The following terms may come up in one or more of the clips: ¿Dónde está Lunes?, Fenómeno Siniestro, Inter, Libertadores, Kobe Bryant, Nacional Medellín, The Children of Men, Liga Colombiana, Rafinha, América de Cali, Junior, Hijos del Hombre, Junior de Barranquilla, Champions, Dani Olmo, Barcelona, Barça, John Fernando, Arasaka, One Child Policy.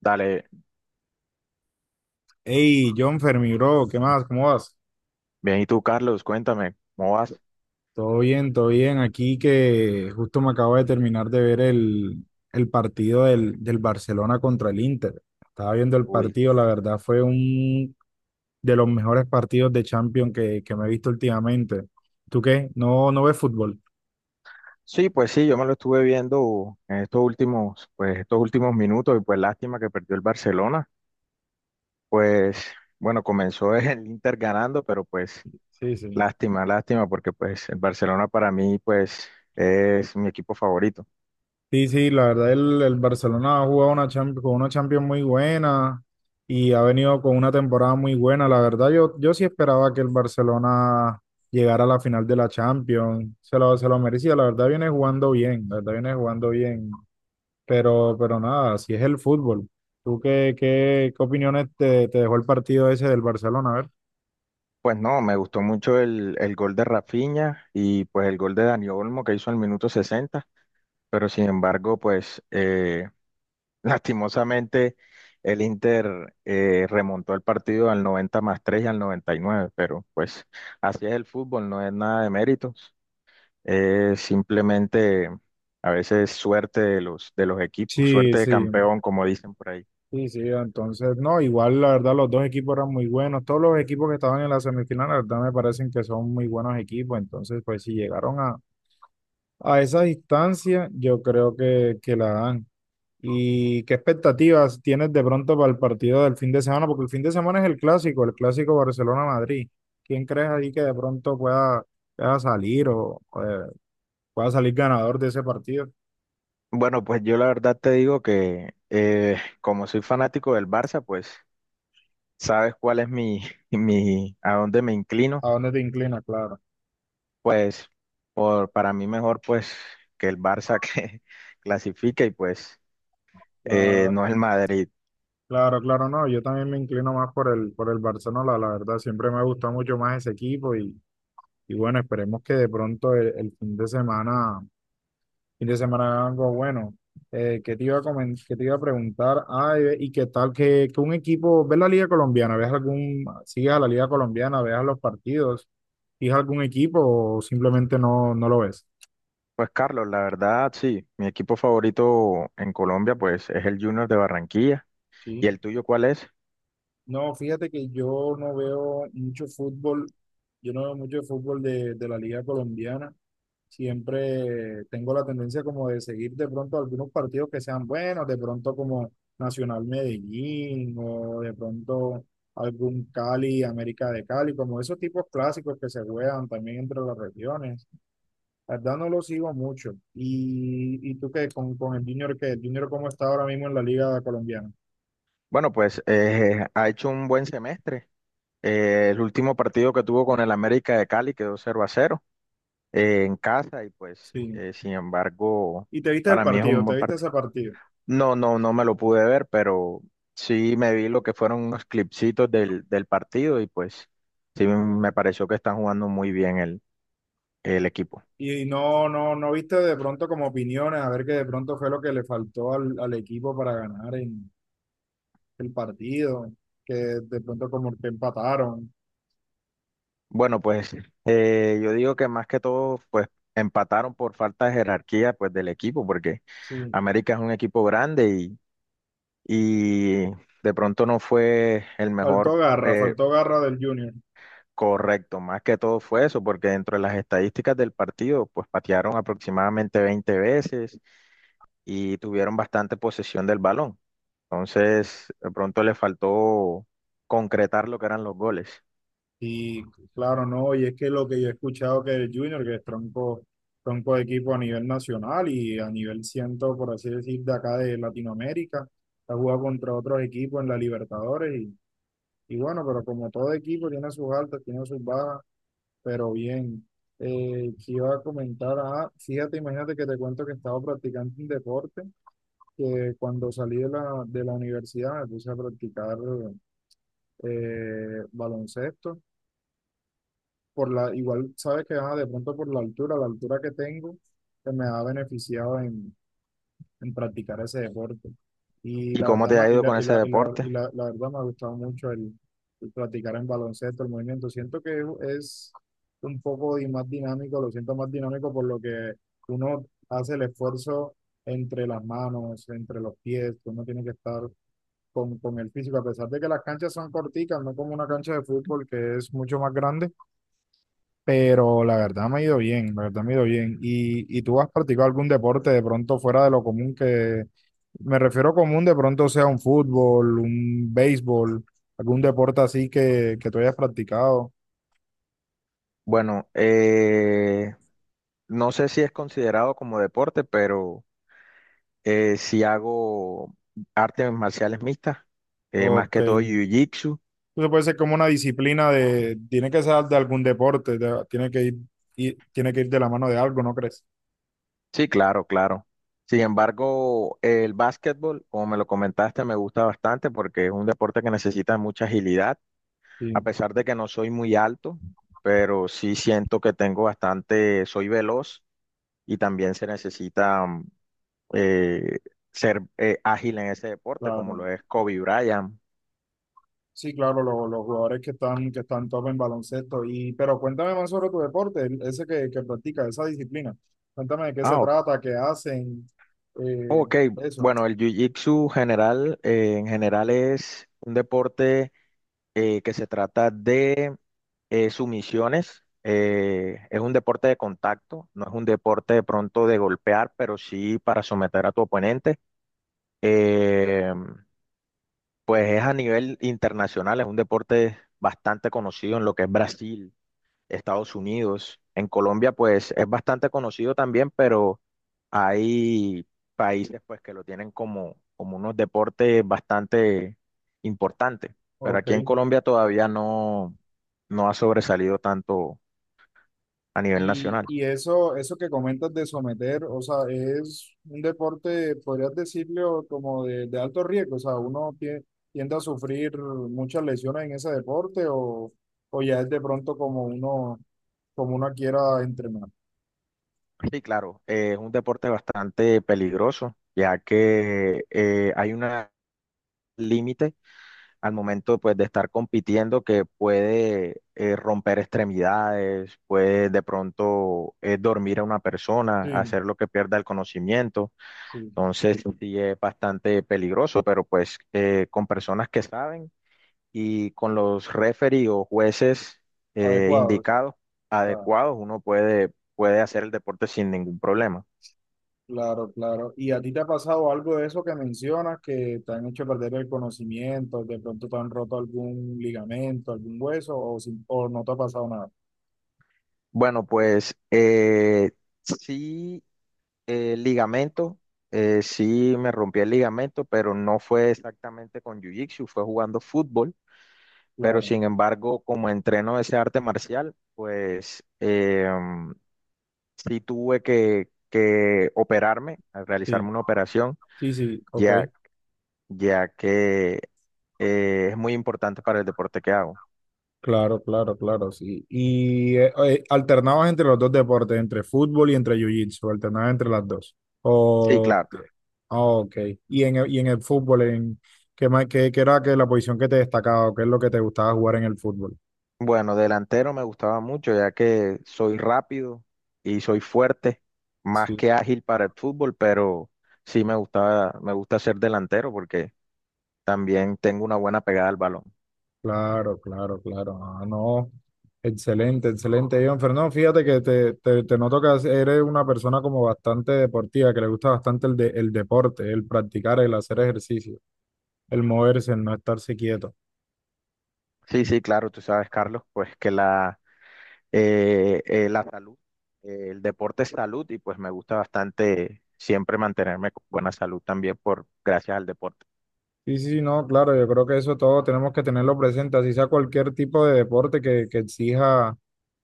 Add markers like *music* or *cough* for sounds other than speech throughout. Dale, Hey, John Fermi, bro, ¿qué más? ¿Cómo vas? bien, ¿y tú, Carlos? Cuéntame, ¿cómo vas? Todo bien, todo bien. Aquí que justo me acabo de terminar de ver el partido del Barcelona contra el Inter. Estaba viendo el Uy. partido, la verdad fue un de los mejores partidos de Champions que me he visto últimamente. ¿Tú qué? No ves fútbol? Sí, pues sí, yo me lo estuve viendo en estos últimos, pues estos últimos minutos y pues lástima que perdió el Barcelona. Pues bueno, comenzó *laughs* el Inter ganando, pero pues Sí, sí. lástima, lástima, porque pues el Barcelona para mí pues es mi equipo favorito. Sí, sí, la verdad el Barcelona ha jugado una con una Champions muy buena y ha venido con una temporada muy buena. La verdad yo sí esperaba que el Barcelona llegara a la final de la Champions. Se lo merecía, la verdad viene jugando bien, la verdad viene jugando bien. Pero nada, así es el fútbol. ¿Tú qué opiniones te dejó el partido ese del Barcelona? A ver. Pues no, me gustó mucho el gol de Rafinha y pues el gol de Dani Olmo que hizo al minuto 60, pero sin embargo pues lastimosamente, el Inter remontó el partido al 90+3 y al 99, pero pues así es el fútbol, no es nada de méritos, es simplemente a veces suerte de los equipos, Sí, suerte de sí. campeón, como dicen por ahí. Sí, sí, entonces, no, igual la verdad los dos equipos eran muy buenos, todos los equipos que estaban en la semifinal, la verdad me parecen que son muy buenos equipos, entonces pues si llegaron a esa distancia, yo creo que la dan. ¿Y qué expectativas tienes de pronto para el partido del fin de semana? Porque el fin de semana es el clásico Barcelona-Madrid. ¿Quién crees ahí que de pronto pueda salir pueda salir ganador de ese partido? Bueno, pues yo la verdad te digo que como soy fanático del Barça, pues sabes cuál es mi, *laughs* mi, a dónde me inclino, ¿A dónde te inclinas? Claro. pues para mí mejor pues que el Barça *laughs* que clasifique y pues... Eh, La- no es el Madrid. Claro, claro, no, yo también me inclino más por el Barcelona, la verdad, siempre me ha gustado mucho más ese equipo y bueno, esperemos que de pronto el fin de semana haga algo bueno. ¿ Qué te iba a preguntar? Ay, y qué tal que un equipo, ¿ves la Liga Colombiana? ¿Ves algún, sigues a la Liga Colombiana? ¿Ves los partidos? ¿Sigues algún equipo o simplemente no lo ves? Pues Carlos, la verdad, sí, mi equipo favorito en Colombia, pues es el Junior de Barranquilla. ¿Y Sí. el tuyo cuál es? No, fíjate que yo no veo mucho fútbol, yo no veo mucho fútbol de la Liga Colombiana. Siempre tengo la tendencia como de seguir de pronto algunos partidos que sean buenos, de pronto como Nacional Medellín o de pronto algún Cali, América de Cali, como esos tipos clásicos que se juegan también entre las regiones. La verdad no lo sigo mucho. Y tú qué con el Junior qué? ¿El Junior cómo está ahora mismo en la Liga Colombiana? Bueno, pues *laughs* ha hecho un buen semestre. El último partido que tuvo con el América de Cali quedó 0-0 en casa y pues, Sí. Sin embargo, Y te viste el para mí es un partido, te buen viste partido. ese partido. No, no, no me lo pude ver, pero sí me vi lo que fueron unos clipsitos del partido y pues sí me pareció que están jugando muy bien el equipo. Y no viste de pronto como opiniones, a ver qué de pronto fue lo que le faltó al equipo para ganar el partido, que de pronto como que empataron. Bueno, pues yo digo que más que todo, pues empataron por falta de jerarquía pues del equipo, porque Sí, América es un equipo grande y de pronto no fue el mejor. Eh, faltó garra del Junior. correcto. Más que todo fue eso, porque dentro de las estadísticas del partido, pues patearon aproximadamente 20 veces y tuvieron bastante posesión del balón. Entonces, de pronto le faltó concretar lo que eran los goles. Y claro, no, y es que lo que yo he escuchado que el Junior, que es tronco, tronco de equipo a nivel nacional y a nivel ciento, por así decir, de acá de Latinoamérica, ha jugado contra otros equipos en la Libertadores. Y bueno, pero como todo equipo tiene sus altas, tiene sus bajas, pero bien. Que iba a comentar, ah, Fíjate, imagínate que te cuento que estaba practicando un deporte que cuando salí de de la universidad me puse a practicar baloncesto. Por la, igual sabes que de pronto por la altura que tengo, que me ha beneficiado en practicar ese deporte. Y ¿Y la cómo verdad, te ma- ha y ido la, con y ese la, y la, y deporte? la- la verdad me ha gustado mucho el practicar en baloncesto, el movimiento. Siento que es un poco más dinámico, lo siento más dinámico por lo que uno hace el esfuerzo entre las manos, entre los pies, que uno tiene que estar con el físico, a pesar de que las canchas son corticas, no como una cancha de fútbol que es mucho más grande, pero la verdad me ha ido bien, la verdad me ha ido bien. Y tú has practicado algún deporte de pronto fuera de lo común me refiero común, de pronto sea un fútbol, un béisbol, algún deporte así que tú hayas practicado? Bueno, no sé si es considerado como deporte, pero sí hago artes marciales mixtas, más Ok. que todo Entonces jiu-jitsu. puede ser como una disciplina de, tiene que ser de algún deporte, tiene que tiene que ir de la mano de algo, ¿no crees? Sí, claro, claro. Sin embargo, el básquetbol, como me lo comentaste, me gusta bastante porque es un deporte que necesita mucha agilidad, a Sí, pesar de que no soy muy alto, pero sí siento que tengo bastante, soy veloz y también se necesita eh, ser ágil en ese deporte, como claro. lo es Kobe Bryant. Sí, claro, los jugadores que están top en baloncesto. Y, pero cuéntame más sobre tu deporte, ese que practicas, esa disciplina. Cuéntame de qué se Ah, trata, qué hacen, eh, ok, eso. bueno, el jiu-jitsu general, en general es un deporte que se trata de sumisiones. Es un deporte de contacto, no es un deporte de pronto de golpear, pero sí para someter a tu oponente. Eh, pues es a nivel internacional, es un deporte bastante conocido en lo que es Brasil, Estados Unidos. En Colombia, pues es bastante conocido también, pero hay países pues que lo tienen como, como unos deportes bastante importantes. Pero Ok. aquí en Colombia todavía no, no ha sobresalido tanto a nivel nacional. Y eso que comentas de someter, o sea, es un deporte, podrías decirlo, como de alto riesgo. O sea, uno tiende a sufrir muchas lesiones en ese deporte o ya es de pronto como uno quiera entrenar. Sí, claro, es un deporte bastante peligroso, ya que hay un límite al momento pues de estar compitiendo que puede romper extremidades, puede de pronto dormir a una persona, Sí, hacer lo que pierda el conocimiento. sí, Entonces sí es bastante peligroso, pero pues con personas que saben y con los referees o jueces adecuados. indicados, adecuados, uno puede hacer el deporte sin ningún problema. Claro, claro. ¿Y a ti te ha pasado algo de eso que mencionas, que te han hecho perder el conocimiento, de pronto te han roto algún ligamento, algún hueso, o no te ha pasado nada? Bueno, pues sí. El ligamento, sí me rompí el ligamento, pero no fue exactamente con Jiu-Jitsu, fue jugando fútbol, pero Claro. sin embargo, como entreno ese arte marcial, pues sí tuve que operarme, a realizarme Sí, una operación, sí, sí, ok. ya, ya que es muy importante para el deporte que hago. Claro, claro, claro, sí. Alternabas entre los dos deportes, entre fútbol y entre jiu-jitsu, alternabas entre las dos. Sí, O, claro. ah, ok. Y en el fútbol, en, qué era que la posición que te destacaba o qué es lo que te gustaba jugar en el fútbol? Bueno, delantero me gustaba mucho, ya que soy rápido y soy fuerte, más Sí, que ágil para el fútbol, pero sí me gustaba, me gusta ser delantero porque también tengo una buena pegada al balón. claro, claro, claro. Ah, no. Excelente, excelente, John Fernando. Fíjate que te noto que eres una persona como bastante deportiva, que le gusta bastante el deporte, el practicar, el hacer ejercicio, el moverse, el no estarse quieto. Sí, sí, claro, tú sabes, Carlos, pues que la salud, el deporte es salud y pues me gusta bastante siempre mantenerme con buena salud también por gracias al deporte. Sí, sí, sí, no, claro, yo creo que eso todo tenemos que tenerlo presente, así sea cualquier tipo de deporte que exija,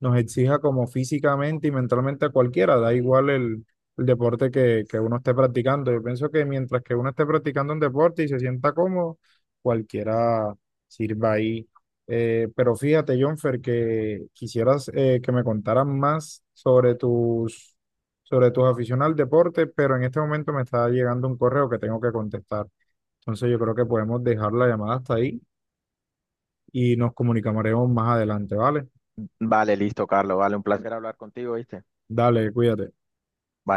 nos exija como físicamente y mentalmente a cualquiera, da igual el deporte que uno esté practicando. Yo pienso que mientras que uno esté practicando un deporte y se sienta cómodo, cualquiera sirva ahí. Pero fíjate, Jonfer, que quisieras que me contaras más sobre sobre tus aficiones al deporte, pero en este momento me está llegando un correo que tengo que contestar. Entonces yo creo que podemos dejar la llamada hasta ahí y nos comunicaremos más adelante, ¿vale? Vale, listo, Carlos, vale, un placer hablar contigo, ¿viste? Dale, cuídate. Vale.